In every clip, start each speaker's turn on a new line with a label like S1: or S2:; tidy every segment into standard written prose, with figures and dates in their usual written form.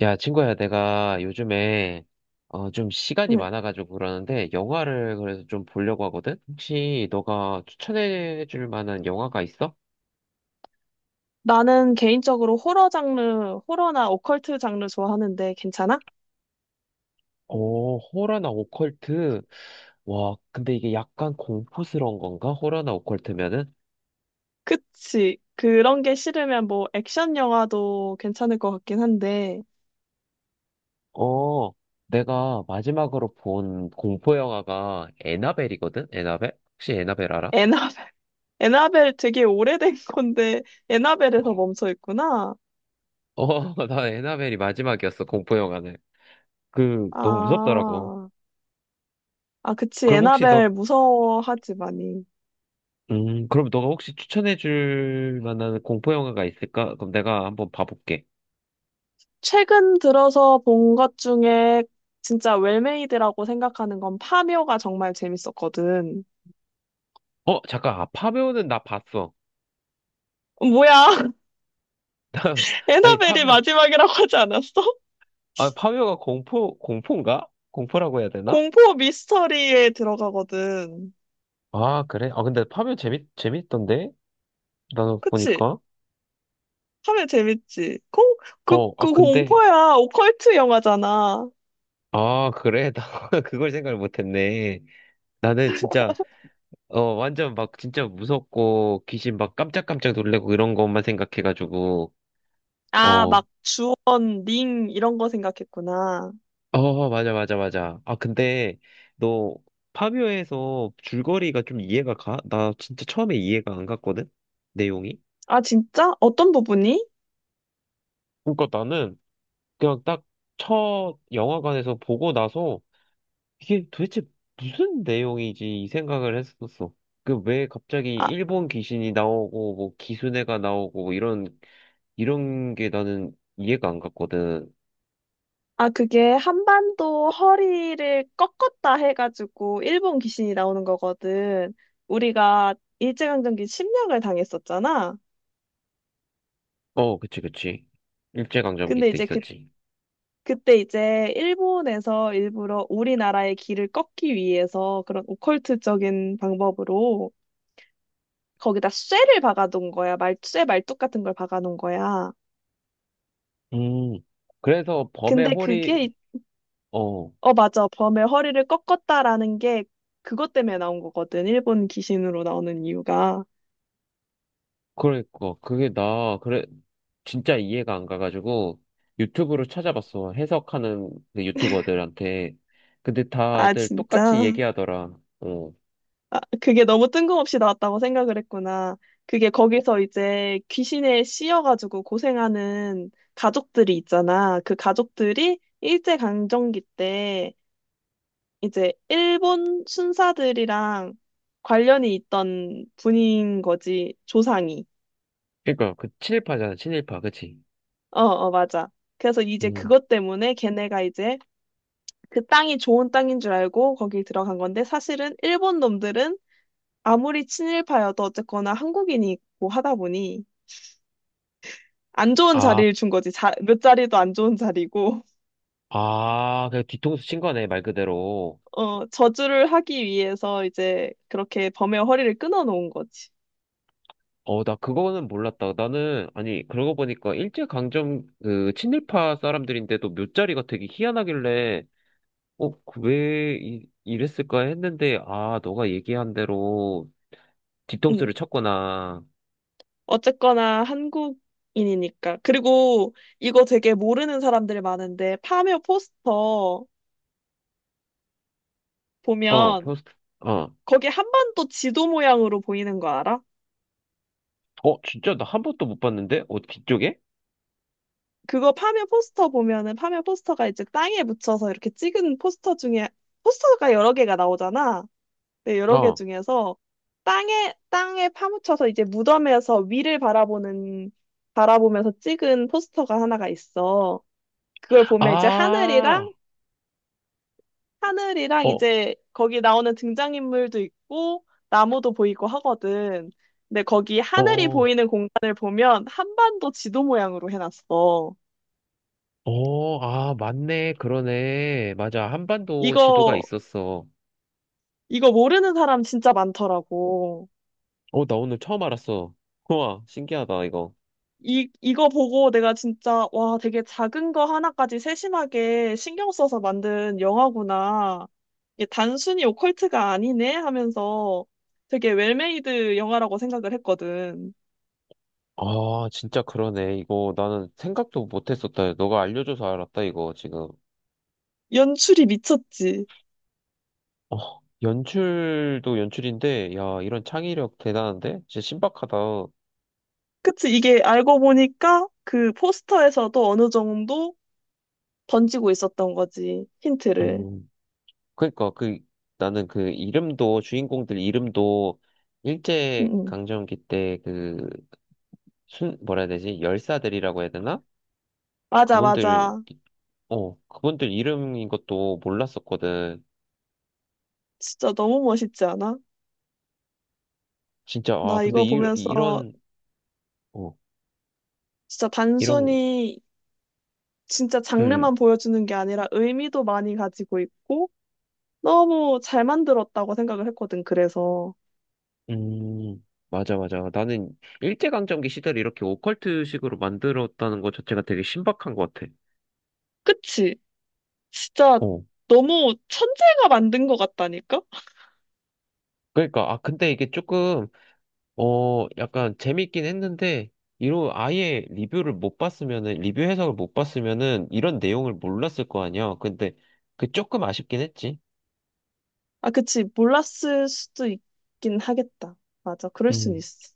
S1: 야, 친구야, 내가 요즘에 좀 시간이
S2: 응.
S1: 많아가지고 그러는데 영화를 그래서 좀 보려고 하거든? 혹시 너가 추천해줄 만한 영화가 있어?
S2: 나는 개인적으로 호러 장르, 호러나 오컬트 장르 좋아하는데 괜찮아?
S1: 어, 호러나 오컬트. 와, 근데 이게 약간 공포스러운 건가? 호러나 오컬트면은?
S2: 그치. 그런 게 싫으면 뭐 액션 영화도 괜찮을 것 같긴 한데,
S1: 어, 내가 마지막으로 본 공포 영화가 애나벨이거든? 애나벨? 혹시 애나벨 알아?
S2: 에나벨, 에나벨 되게 오래된 건데, 에나벨에서 멈춰 있구나.
S1: 어, 나 애나벨이 마지막이었어, 공포 영화는. 그, 너무 무섭더라고.
S2: 아, 아, 그치.
S1: 그럼 혹시
S2: 에나벨
S1: 너
S2: 무서워하지, 많이.
S1: 그럼 너가 혹시 추천해줄 만한 공포 영화가 있을까? 그럼 내가 한번 봐볼게.
S2: 최근 들어서 본 것 중에 진짜 웰메이드라고 생각하는 건 파묘가 정말 재밌었거든.
S1: 어, 잠깐, 아, 파묘는 나 봤어.
S2: 어, 뭐야,
S1: 나, 아니,
S2: 에나벨이
S1: 파묘,
S2: 마지막이라고 하지 않았어?
S1: 아, 파묘가 공포인가? 공포라고 해야 되나?
S2: 공포 미스터리에 들어가거든.
S1: 아, 그래? 아, 근데 파묘 재밌던데? 나
S2: 그치?
S1: 보니까.
S2: 하면 재밌지. 공, 그,
S1: 어, 아,
S2: 그
S1: 근데,
S2: 공포야. 오컬트 영화잖아.
S1: 아, 그래? 나 그걸 생각을 못했네. 나는 진짜, 어, 완전 막 진짜 무섭고, 귀신 막 깜짝깜짝 놀래고 이런 것만 생각해가지고,
S2: 아,
S1: 어,
S2: 막 주원, 링, 이런 거 생각했구나.
S1: 어, 맞아. 아, 근데 너 파비오에서 줄거리가 좀 이해가 가? 나 진짜 처음에 이해가 안 갔거든? 내용이?
S2: 아, 진짜? 어떤 부분이?
S1: 그러니까 나는 그냥 딱 첫 영화관에서 보고 나서 이게 도대체 무슨 내용이지 이 생각을 했었어. 그 왜 갑자기
S2: 아,
S1: 일본 귀신이 나오고 뭐 기수네가 나오고 뭐 이런 게 나는 이해가 안 갔거든.
S2: 아, 그게 한반도 허리를 꺾었다 해가지고 일본 귀신이 나오는 거거든. 우리가 일제강점기 침략을 당했었잖아.
S1: 어, 그치. 일제강점기
S2: 근데
S1: 때
S2: 이제 그
S1: 있었지.
S2: 그때 이제 일본에서 일부러 우리나라의 길을 꺾기 위해서 그런 오컬트적인 방법으로 거기다 쇠를 박아놓은 거야. 말, 쇠 말뚝 같은 걸 박아놓은 거야.
S1: 음. 그래서 범의
S2: 근데
S1: 허리
S2: 그게,
S1: 어,
S2: 어, 맞아. 범의 허리를 꺾었다라는 게 그것 때문에 나온 거거든. 일본 귀신으로 나오는 이유가.
S1: 그러니까. 그게 나, 그래, 진짜 이해가 안 가가지고 유튜브로 찾아봤어. 해석하는 그 유튜버들한테. 근데
S2: 아,
S1: 다들 똑같이
S2: 진짜.
S1: 얘기하더라. 어.
S2: 아, 그게 너무 뜬금없이 나왔다고 생각을 했구나. 그게 거기서 이제 귀신에 씌여가지고 고생하는 가족들이 있잖아. 그 가족들이 일제강점기 때 이제 일본 순사들이랑 관련이 있던 분인 거지, 조상이.
S1: 그러니까 그 친일파잖아, 친일파. 그치?
S2: 어, 어, 맞아. 그래서 이제
S1: 음.
S2: 그것 때문에 걔네가 이제 그 땅이 좋은 땅인 줄 알고 거기 들어간 건데 사실은 일본 놈들은 아무리 친일파여도 어쨌거나 한국인이고 하다 보니 안 좋은
S1: 아,
S2: 자리를 준 거지. 자, 몇 자리도 안 좋은 자리고.
S1: 아, 그 뒤통수 친 거네, 말 그대로.
S2: 어, 저주를 하기 위해서 이제 그렇게 범의 허리를 끊어 놓은 거지.
S1: 어, 나 그거는 몰랐다. 나는, 아니, 그러고 보니까 일제강점, 그, 친일파 사람들인데도 묫자리가 되게 희한하길래 어, 그왜 이, 이랬을까 했는데, 아, 너가 얘기한 대로 디톡스를
S2: 응.
S1: 쳤구나.
S2: 어쨌거나 한국인이니까. 그리고 이거 되게 모르는 사람들이 많은데 파묘 포스터
S1: 어,
S2: 보면
S1: 포스트, 어,
S2: 거기 한반도 지도 모양으로 보이는 거 알아?
S1: 어, 진짜 나 한 번도 못 봤는데? 어, 뒤쪽에?
S2: 그거 파묘 포스터 보면은 파묘 포스터가 이제 땅에 묻혀서 이렇게 찍은 포스터 중에 포스터가 여러 개가 나오잖아. 네, 여러 개
S1: 어.
S2: 중에서 땅에 파묻혀서 이제 무덤에서 위를 바라보는, 바라보면서 찍은 포스터가 하나가 있어. 그걸 보면 이제
S1: 아,
S2: 하늘이랑, 하늘이랑
S1: 어,
S2: 이제 거기 나오는 등장인물도 있고, 나무도 보이고 하거든. 근데 거기 하늘이
S1: 어,
S2: 보이는 공간을 보면 한반도 지도 모양으로 해놨어.
S1: 아, 맞네. 그러네. 맞아. 한반도 지도가
S2: 이거,
S1: 있었어.
S2: 이거 모르는 사람 진짜 많더라고.
S1: 어, 나 오늘 처음 알았어. 우와, 신기하다, 이거.
S2: 이거 보고 내가 진짜, 와, 되게 작은 거 하나까지 세심하게 신경 써서 만든 영화구나. 이게 단순히 오컬트가 아니네 하면서 되게 웰메이드 영화라고 생각을 했거든.
S1: 아, 진짜 그러네. 이거 나는 생각도 못 했었다. 너가 알려줘서 알았다, 이거 지금.
S2: 연출이 미쳤지.
S1: 어, 연출도 연출인데, 야, 이런 창의력 대단한데? 진짜 신박하다.
S2: 그치, 이게 알고 보니까 그 포스터에서도 어느 정도 던지고 있었던 거지. 힌트를.
S1: 음, 그러니까 그 나는 그 이름도 주인공들 이름도
S2: 응,
S1: 일제
S2: 응.
S1: 강점기 때 그 순 뭐라 해야 되지? 열사들이라고 해야 되나?
S2: 맞아,
S1: 그분들
S2: 맞아.
S1: 어, 그분들 이름인 것도 몰랐었거든.
S2: 진짜 너무 멋있지 않아?
S1: 진짜 아,
S2: 나
S1: 근데
S2: 이거
S1: 이,
S2: 보면서
S1: 이런 어,
S2: 진짜
S1: 이런
S2: 단순히 진짜
S1: 음,
S2: 장르만 보여주는 게 아니라 의미도 많이 가지고 있고 너무 잘 만들었다고 생각을 했거든. 그래서
S1: 음, 맞아, 맞아. 나는 일제강점기 시대를 이렇게 오컬트식으로 만들었다는 것 자체가 되게 신박한 것 같아.
S2: 그치? 진짜
S1: 어.
S2: 너무 천재가 만든 것 같다니까?
S1: 그러니까, 아, 근데 이게 조금, 어, 약간 재밌긴 했는데, 이로 아예 리뷰를 못 봤으면은, 리뷰 해석을 못 봤으면은, 이런 내용을 몰랐을 거 아니야. 근데, 그 조금 아쉽긴 했지.
S2: 아, 그치. 몰랐을 수도 있긴 하겠다. 맞아. 그럴 순
S1: 음,
S2: 있어.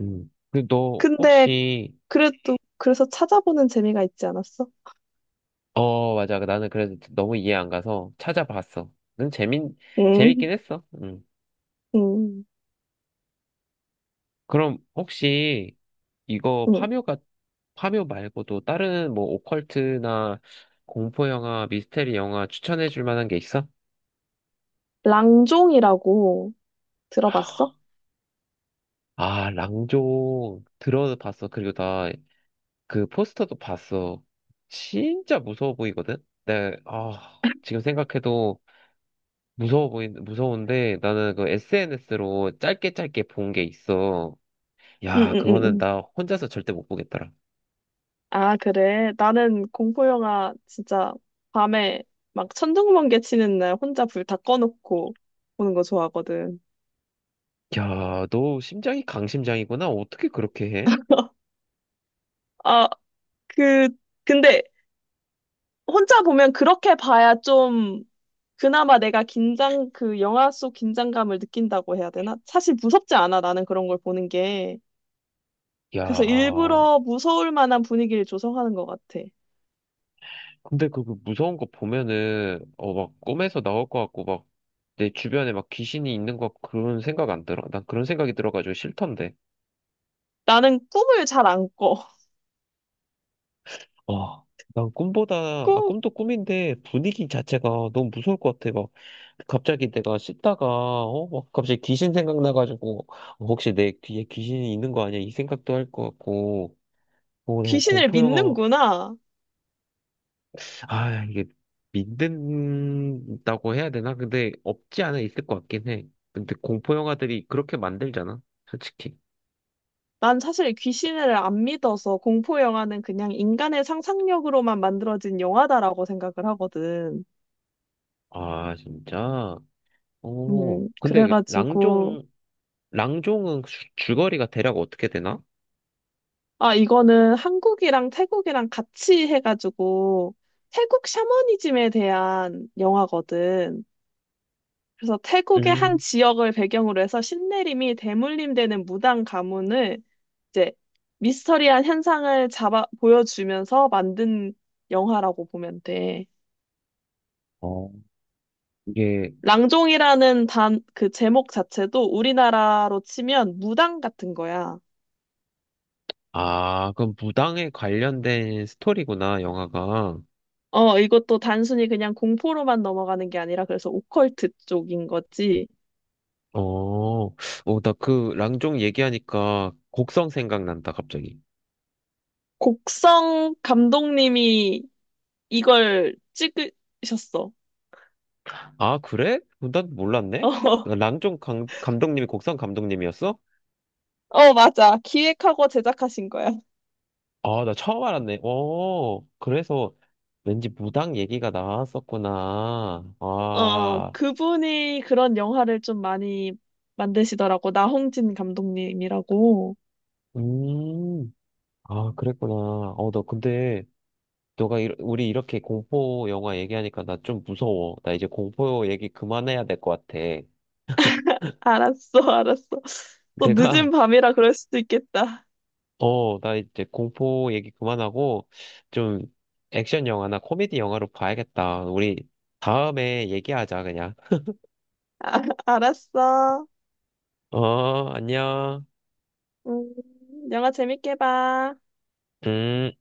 S1: 그리고 너
S2: 근데
S1: 혹시,
S2: 그래도 그래서 찾아보는 재미가 있지 않았어?
S1: 어, 맞아. 나는 그래도 너무 이해 안 가서 찾아봤어. 는
S2: 응,
S1: 재밌긴 했어. 응.
S2: 응,
S1: 그럼 혹시 이거
S2: 응.
S1: 파묘가 파묘 말고도 다른 뭐 오컬트나 공포 영화, 미스테리 영화 추천해 줄 만한 게 있어?
S2: 랑종이라고 들어봤어?
S1: 아, 랑종 들어봤어. 그리고 나 그 포스터도 봤어. 진짜 무서워 보이거든. 네, 아, 지금 생각해도 무서워 보인 무서운데 나는 그 SNS로 짧게 짧게 본 게 있어.
S2: 응, 응,
S1: 야,
S2: 응,
S1: 그거는
S2: 응.
S1: 나 혼자서 절대 못 보겠더라.
S2: 아, 그래. 나는 공포 영화 진짜 밤에 막 천둥번개 치는 날 혼자 불 다 꺼놓고 보는 거 좋아하거든.
S1: 야, 너 심장이 강심장이구나. 어떻게 그렇게 해?
S2: 아, 그, 근데 혼자 보면 그렇게 봐야 좀 그나마 내가 긴장, 그 영화 속 긴장감을 느낀다고 해야 되나? 사실 무섭지 않아, 나는 그런 걸 보는 게.
S1: 야,
S2: 그래서 일부러 무서울 만한 분위기를 조성하는 것 같아.
S1: 근데 그그 무서운 거 보면은, 어, 막 꿈에서 나올 것 같고, 막 내 주변에 막 귀신이 있는 것 같고 그런 생각 안 들어? 난 그런 생각이 들어가지고 싫던데.
S2: 나는 꿈을 잘 안 꿔.
S1: 아, 난 꿈보다, 아,
S2: 꿈,
S1: 꿈도 꿈인데 분위기 자체가 너무 무서울 것 같아. 막 갑자기 내가 씻다가, 어, 막 갑자기 귀신 생각나가지고, 어, 혹시 내 귀에 귀신이 있는 거 아니야? 이 생각도 할 것 같고, 어, 내가
S2: 귀신을
S1: 공포 영화
S2: 믿는구나.
S1: 아, 이게 믿는다고 해야 되나? 근데 없지 않아 있을 것 같긴 해. 근데 공포 영화들이 그렇게 만들잖아, 솔직히.
S2: 난 사실 귀신을 안 믿어서 공포 영화는 그냥 인간의 상상력으로만 만들어진 영화다라고 생각을 하거든.
S1: 아, 진짜? 오, 근데 그
S2: 그래가지고,
S1: 랑종, 랑종은 줄거리가 대략 어떻게 되나?
S2: 아, 이거는 한국이랑 태국이랑 같이 해가지고, 태국 샤머니즘에 대한 영화거든. 그래서 태국의 한
S1: 음.
S2: 지역을 배경으로 해서 신내림이 대물림되는 무당 가문을 이제 미스터리한 현상을 잡아, 보여주면서 만든 영화라고 보면 돼.
S1: 어, 이게,
S2: 랑종이라는 단, 그 제목 자체도 우리나라로 치면 무당 같은 거야.
S1: 아, 그럼 무당에 관련된 스토리구나, 영화가.
S2: 어, 이것도 단순히 그냥 공포로만 넘어가는 게 아니라 그래서 오컬트 쪽인 거지.
S1: 어, 어, 나 그 랑종 얘기하니까 곡성 생각난다, 갑자기.
S2: 곡성 감독님이 이걸 찍으셨어.
S1: 아, 그래? 난 몰랐네?
S2: 어,
S1: 랑종 감독님이 곡성 감독님이었어?
S2: 어, 맞아. 기획하고 제작하신 거야.
S1: 아, 나 처음 알았네. 어, 그래서 왠지 무당 얘기가 나왔었구나.
S2: 어,
S1: 아,
S2: 그분이 그런 영화를 좀 많이 만드시더라고. 나홍진 감독님이라고.
S1: 음, 아, 그랬구나. 어, 너 근데, 너가, 이, 우리 이렇게 공포 영화 얘기하니까 나 좀 무서워. 나 이제 공포 얘기 그만해야 될 것 같아.
S2: 알았어, 알았어. 또
S1: 내가
S2: 늦은 밤이라 그럴 수도 있겠다.
S1: 어, 나 이제 공포 얘기 그만하고 좀 액션 영화나 코미디 영화로 봐야겠다. 우리 다음에 얘기하자, 그냥.
S2: 아, 알았어.
S1: 어, 안녕.
S2: 음, 영화 재밌게 봐.
S1: 음.